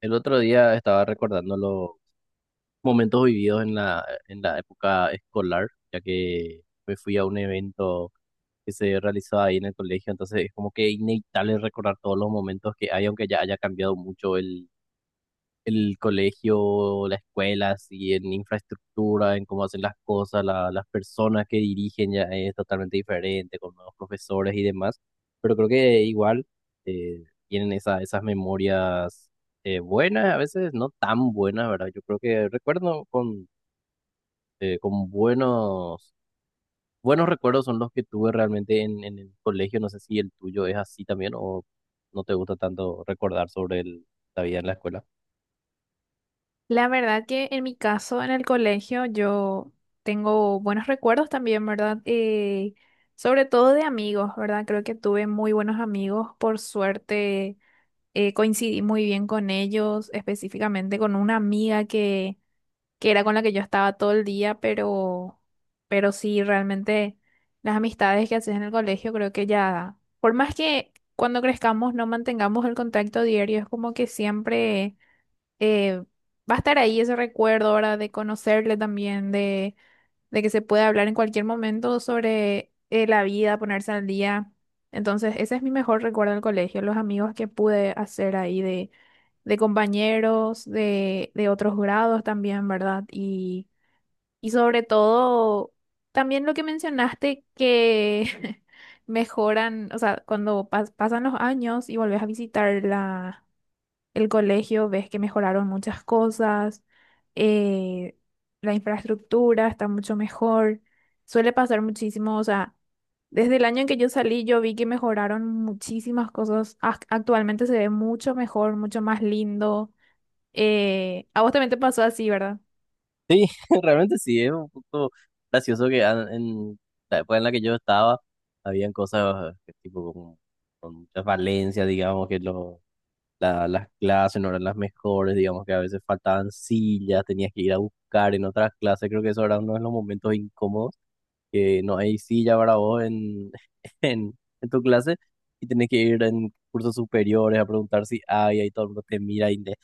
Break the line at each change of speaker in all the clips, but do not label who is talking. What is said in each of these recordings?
El otro día estaba recordando los momentos vividos en la época escolar, ya que me fui a un evento que se realizaba ahí en el colegio. Entonces es como que inevitable recordar todos los momentos que hay, aunque ya haya cambiado mucho el colegio, la escuela, así, en infraestructura, en cómo hacen las cosas. Las personas que dirigen ya es totalmente diferente, con nuevos profesores y demás, pero creo que igual tienen esas memorias buenas, a veces no tan buenas, ¿verdad? Yo creo que recuerdo con buenos recuerdos son los que tuve realmente en el colegio. No sé si el tuyo es así también o no te gusta tanto recordar sobre la vida en la escuela.
La verdad que en mi caso, en el colegio, yo tengo buenos recuerdos también, ¿verdad? Sobre todo de amigos, ¿verdad? Creo que tuve muy buenos amigos. Por suerte, coincidí muy bien con ellos, específicamente con una amiga que era con la que yo estaba todo el día, pero sí, realmente las amistades que haces en el colegio, creo que ya, por más que cuando crezcamos no mantengamos el contacto diario, es como que siempre eh, va a estar ahí ese recuerdo ahora de conocerle también, de que se puede hablar en cualquier momento sobre la vida, ponerse al día. Entonces, ese es mi mejor recuerdo del colegio, los amigos que pude hacer ahí de compañeros, de otros grados también, ¿verdad? Y sobre todo, también lo que mencionaste que mejoran, o sea, cuando pasan los años y volvés a visitar la el colegio, ves que mejoraron muchas cosas, eh, la infraestructura está mucho mejor, suele pasar muchísimo, o sea, desde el año en que yo salí yo vi que mejoraron muchísimas cosas, actualmente se ve mucho mejor, mucho más lindo, a vos también te pasó así, ¿verdad?
Sí, realmente sí, es un poco gracioso que en la época en la que yo estaba, habían cosas que tipo como con muchas valencias, digamos, que las clases no eran las mejores. Digamos que a veces faltaban sillas, tenías que ir a buscar en otras clases. Creo que eso era uno de los momentos incómodos, que no hay silla para vos en, en, en tu clase, y tenés que ir en cursos superiores a preguntar si hay, ahí todo el mundo te mira y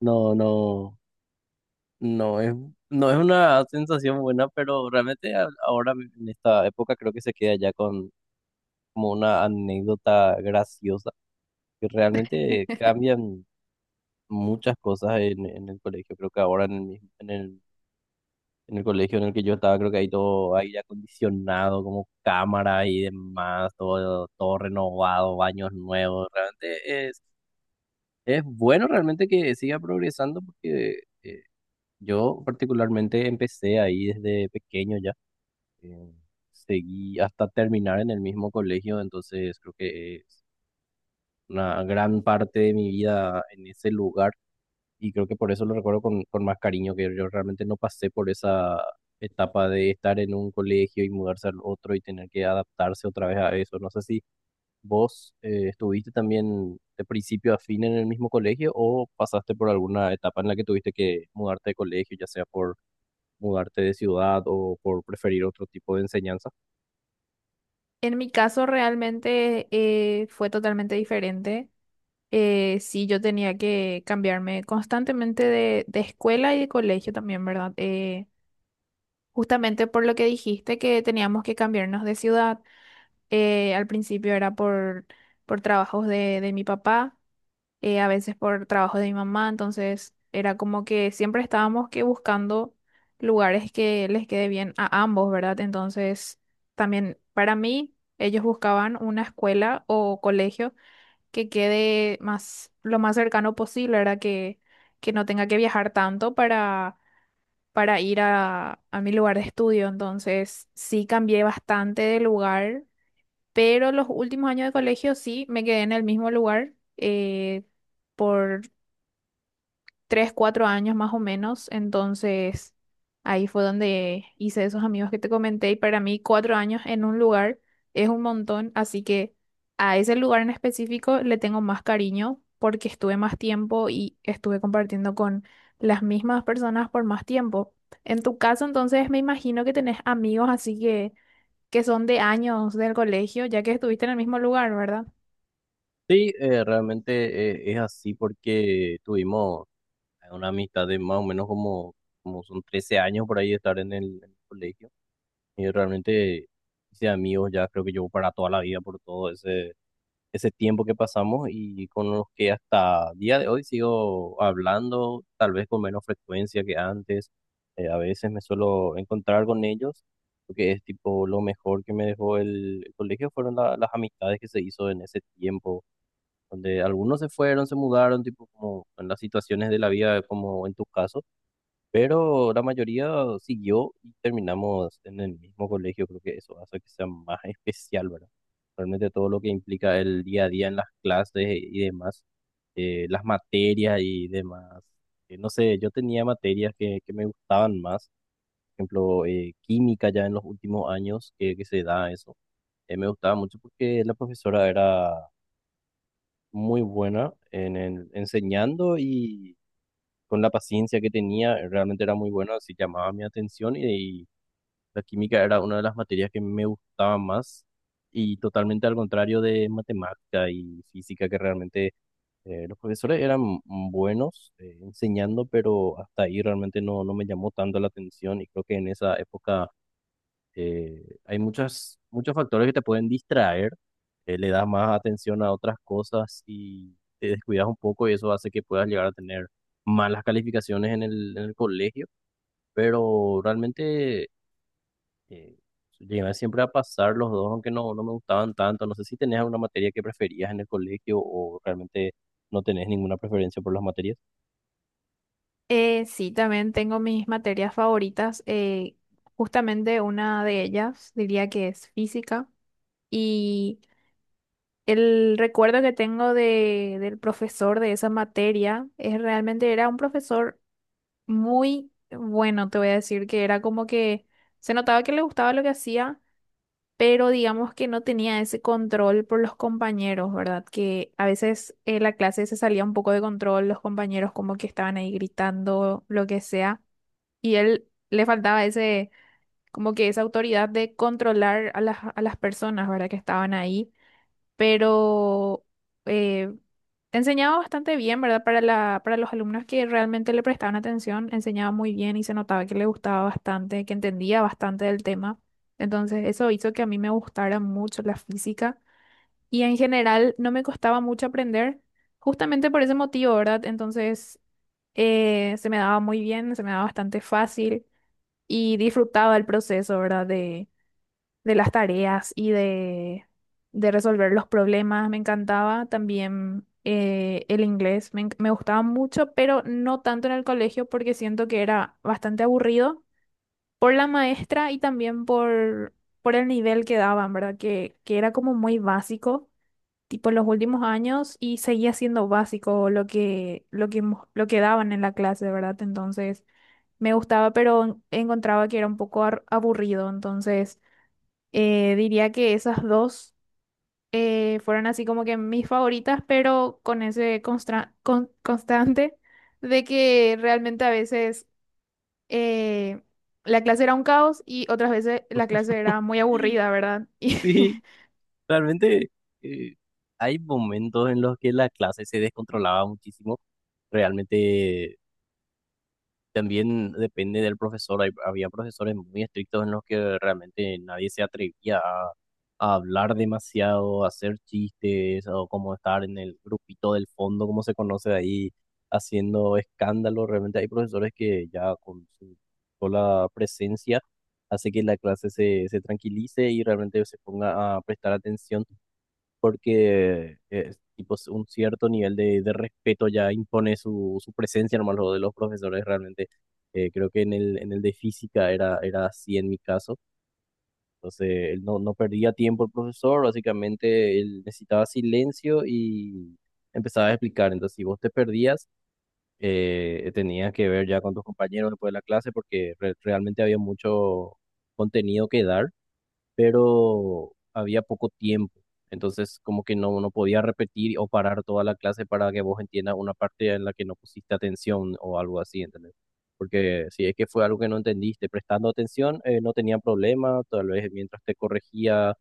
no, no. No es, no es una sensación buena. Pero realmente ahora en esta época creo que se queda ya con como una anécdota graciosa, que realmente cambian muchas cosas en el colegio. Creo que ahora en el en el colegio en el que yo estaba, creo que hay todo aire acondicionado, como cámara y demás, todo, todo renovado, baños nuevos. Realmente es bueno realmente que siga progresando, porque yo particularmente empecé ahí desde pequeño ya, eh, seguí hasta terminar en el mismo colegio. Entonces creo que es una gran parte de mi vida en ese lugar, y creo que por eso lo recuerdo con más cariño, que yo realmente no pasé por esa etapa de estar en un colegio y mudarse al otro y tener que adaptarse otra vez a eso. No sé si vos estuviste también de principio a fin en el mismo colegio o pasaste por alguna etapa en la que tuviste que mudarte de colegio, ya sea por mudarte de ciudad o por preferir otro tipo de enseñanza.
En mi caso realmente fue totalmente diferente. Sí, yo tenía que cambiarme constantemente de escuela y de colegio también, ¿verdad? Justamente por lo que dijiste que teníamos que cambiarnos de ciudad, al principio era por trabajos de mi papá, a veces por trabajo de mi mamá, entonces era como que siempre estábamos que buscando lugares que les quede bien a ambos, ¿verdad? Entonces, también para mí, ellos buscaban una escuela o colegio que quede más, lo más cercano posible, ¿verdad? Que no tenga que viajar tanto para ir a mi lugar de estudio. Entonces, sí cambié bastante de lugar, pero los últimos años de colegio sí me quedé en el mismo lugar por tres, cuatro años más o menos. Entonces, ahí fue donde hice esos amigos que te comenté. Y para mí, cuatro años en un lugar es un montón. Así que a ese lugar en específico le tengo más cariño porque estuve más tiempo y estuve compartiendo con las mismas personas por más tiempo. En tu caso, entonces, me imagino que tenés amigos así que son de años del colegio, ya que estuviste en el mismo lugar, ¿verdad?
Sí, realmente es así porque tuvimos una amistad de más o menos como son 13 años por ahí de estar en en el colegio. Y realmente hice amigos ya, creo que llevo para toda la vida por todo ese tiempo que pasamos y con los que hasta día de hoy sigo hablando, tal vez con menos frecuencia que antes. A veces me suelo encontrar con ellos, porque es tipo lo mejor que me dejó el colegio fueron las amistades que se hizo en ese tiempo, donde algunos se fueron, se mudaron, tipo como en las situaciones de la vida, como en tu caso, pero la mayoría siguió y terminamos en el mismo colegio. Creo que eso hace que sea más especial, ¿verdad? Realmente todo lo que implica el día a día en las clases y demás, las materias y demás. No sé, yo tenía materias que me gustaban más, por ejemplo, química ya en los últimos años que se da eso. Me gustaba mucho porque la profesora era muy buena en enseñando y con la paciencia que tenía, realmente era muy buena, así llamaba mi atención y la química era una de las materias que me gustaba más, y totalmente al contrario de matemática y física que realmente los profesores eran buenos enseñando, pero hasta ahí realmente no, no me llamó tanto la atención. Y creo que en esa época eh, hay muchos factores que te pueden distraer, le das más atención a otras cosas y te descuidas un poco, y eso hace que puedas llegar a tener malas calificaciones en en el colegio. Pero realmente eh, llegué siempre a pasar los dos, aunque no, no me gustaban tanto. No sé si tenías alguna materia que preferías en el colegio o realmente no tenés ninguna preferencia por las materias.
Sí, también tengo mis materias favoritas. Justamente una de ellas diría que es física. Y el recuerdo que tengo de, del profesor de esa materia es realmente era un profesor muy bueno, te voy a decir que era como que se notaba que le gustaba lo que hacía, pero digamos que no tenía ese control por los compañeros, ¿verdad? Que a veces la clase se salía un poco de control, los compañeros como que estaban ahí gritando, lo que sea. Y él le faltaba ese, como que esa autoridad de controlar a las personas, ¿verdad? Que estaban ahí. Pero eh, enseñaba bastante bien, ¿verdad? Para la, para los alumnos que realmente le prestaban atención, enseñaba muy bien y se notaba que le gustaba bastante, que entendía bastante del tema. Entonces, eso hizo que a mí me gustara mucho la física y en general no me costaba mucho aprender, justamente por ese motivo, ¿verdad? Entonces, se me daba muy bien, se me daba bastante fácil y disfrutaba el proceso, ¿verdad? De las tareas y de resolver los problemas. Me encantaba también el inglés, me gustaba mucho, pero no tanto en el colegio porque siento que era bastante aburrido por la maestra y también por el nivel que daban, ¿verdad? Que era como muy básico. Tipo en los últimos años y seguía siendo básico lo que, lo que, lo que daban en la clase, ¿verdad? Entonces, me gustaba, pero encontraba que era un poco aburrido. Entonces, diría que esas dos fueron así como que mis favoritas, pero con ese constante de que realmente a veces eh, la clase era un caos y otras veces la clase era muy aburrida, ¿verdad?
Sí, realmente eh, hay momentos en los que la clase se descontrolaba muchísimo realmente. También depende del profesor. Había profesores muy estrictos en los que realmente nadie se atrevía a hablar demasiado, a hacer chistes o como estar en el grupito del fondo, como se conoce ahí, haciendo escándalo. Realmente hay profesores que ya con su sola presencia hace que la clase se tranquilice y realmente se ponga a prestar atención, porque es tipo un cierto nivel de respeto ya impone su presencia nomás lo de los profesores realmente. Creo que en en el de física era así en mi caso. Entonces, él no, no perdía tiempo el profesor, básicamente él necesitaba silencio y empezaba a explicar. Entonces, si vos te perdías, tenías que ver ya con tus compañeros después de la clase, porque realmente había mucho contenido que dar, pero había poco tiempo. Entonces, como que no, no podía repetir o parar toda la clase para que vos entiendas una parte en la que no pusiste atención o algo así, ¿entendés? Porque si es que fue algo que no entendiste, prestando atención, no tenía problema. Tal vez mientras te corregía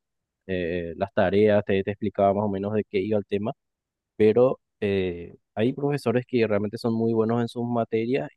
las tareas, te explicaba más o menos de qué iba el tema, pero hay profesores que realmente son muy buenos en sus materias,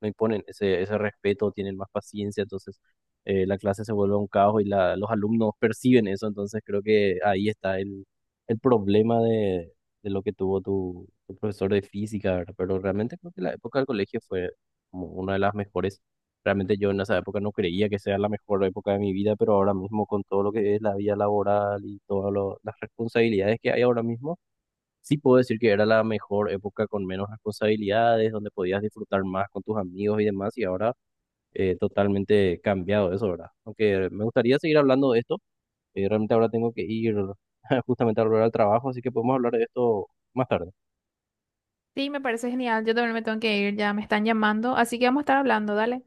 no imponen ese respeto, tienen más paciencia, entonces la clase se vuelve un caos y los alumnos perciben eso. Entonces creo que ahí está el problema de lo que tuvo tu profesor de física, ¿verdad? Pero realmente creo que la época del colegio fue como una de las mejores. Realmente yo en esa época no creía que sea la mejor época de mi vida, pero ahora mismo con todo lo que es la vida laboral y todas las responsabilidades que hay ahora mismo, sí puedo decir que era la mejor época con menos responsabilidades, donde podías disfrutar más con tus amigos y demás. Y ahora totalmente cambiado eso, ¿verdad? Aunque me gustaría seguir hablando de esto, realmente ahora tengo que ir justamente a volver al trabajo, así que podemos hablar de esto más tarde.
Y sí, me parece genial. Yo también me tengo que ir, ya me están llamando. Así que vamos a estar hablando, dale.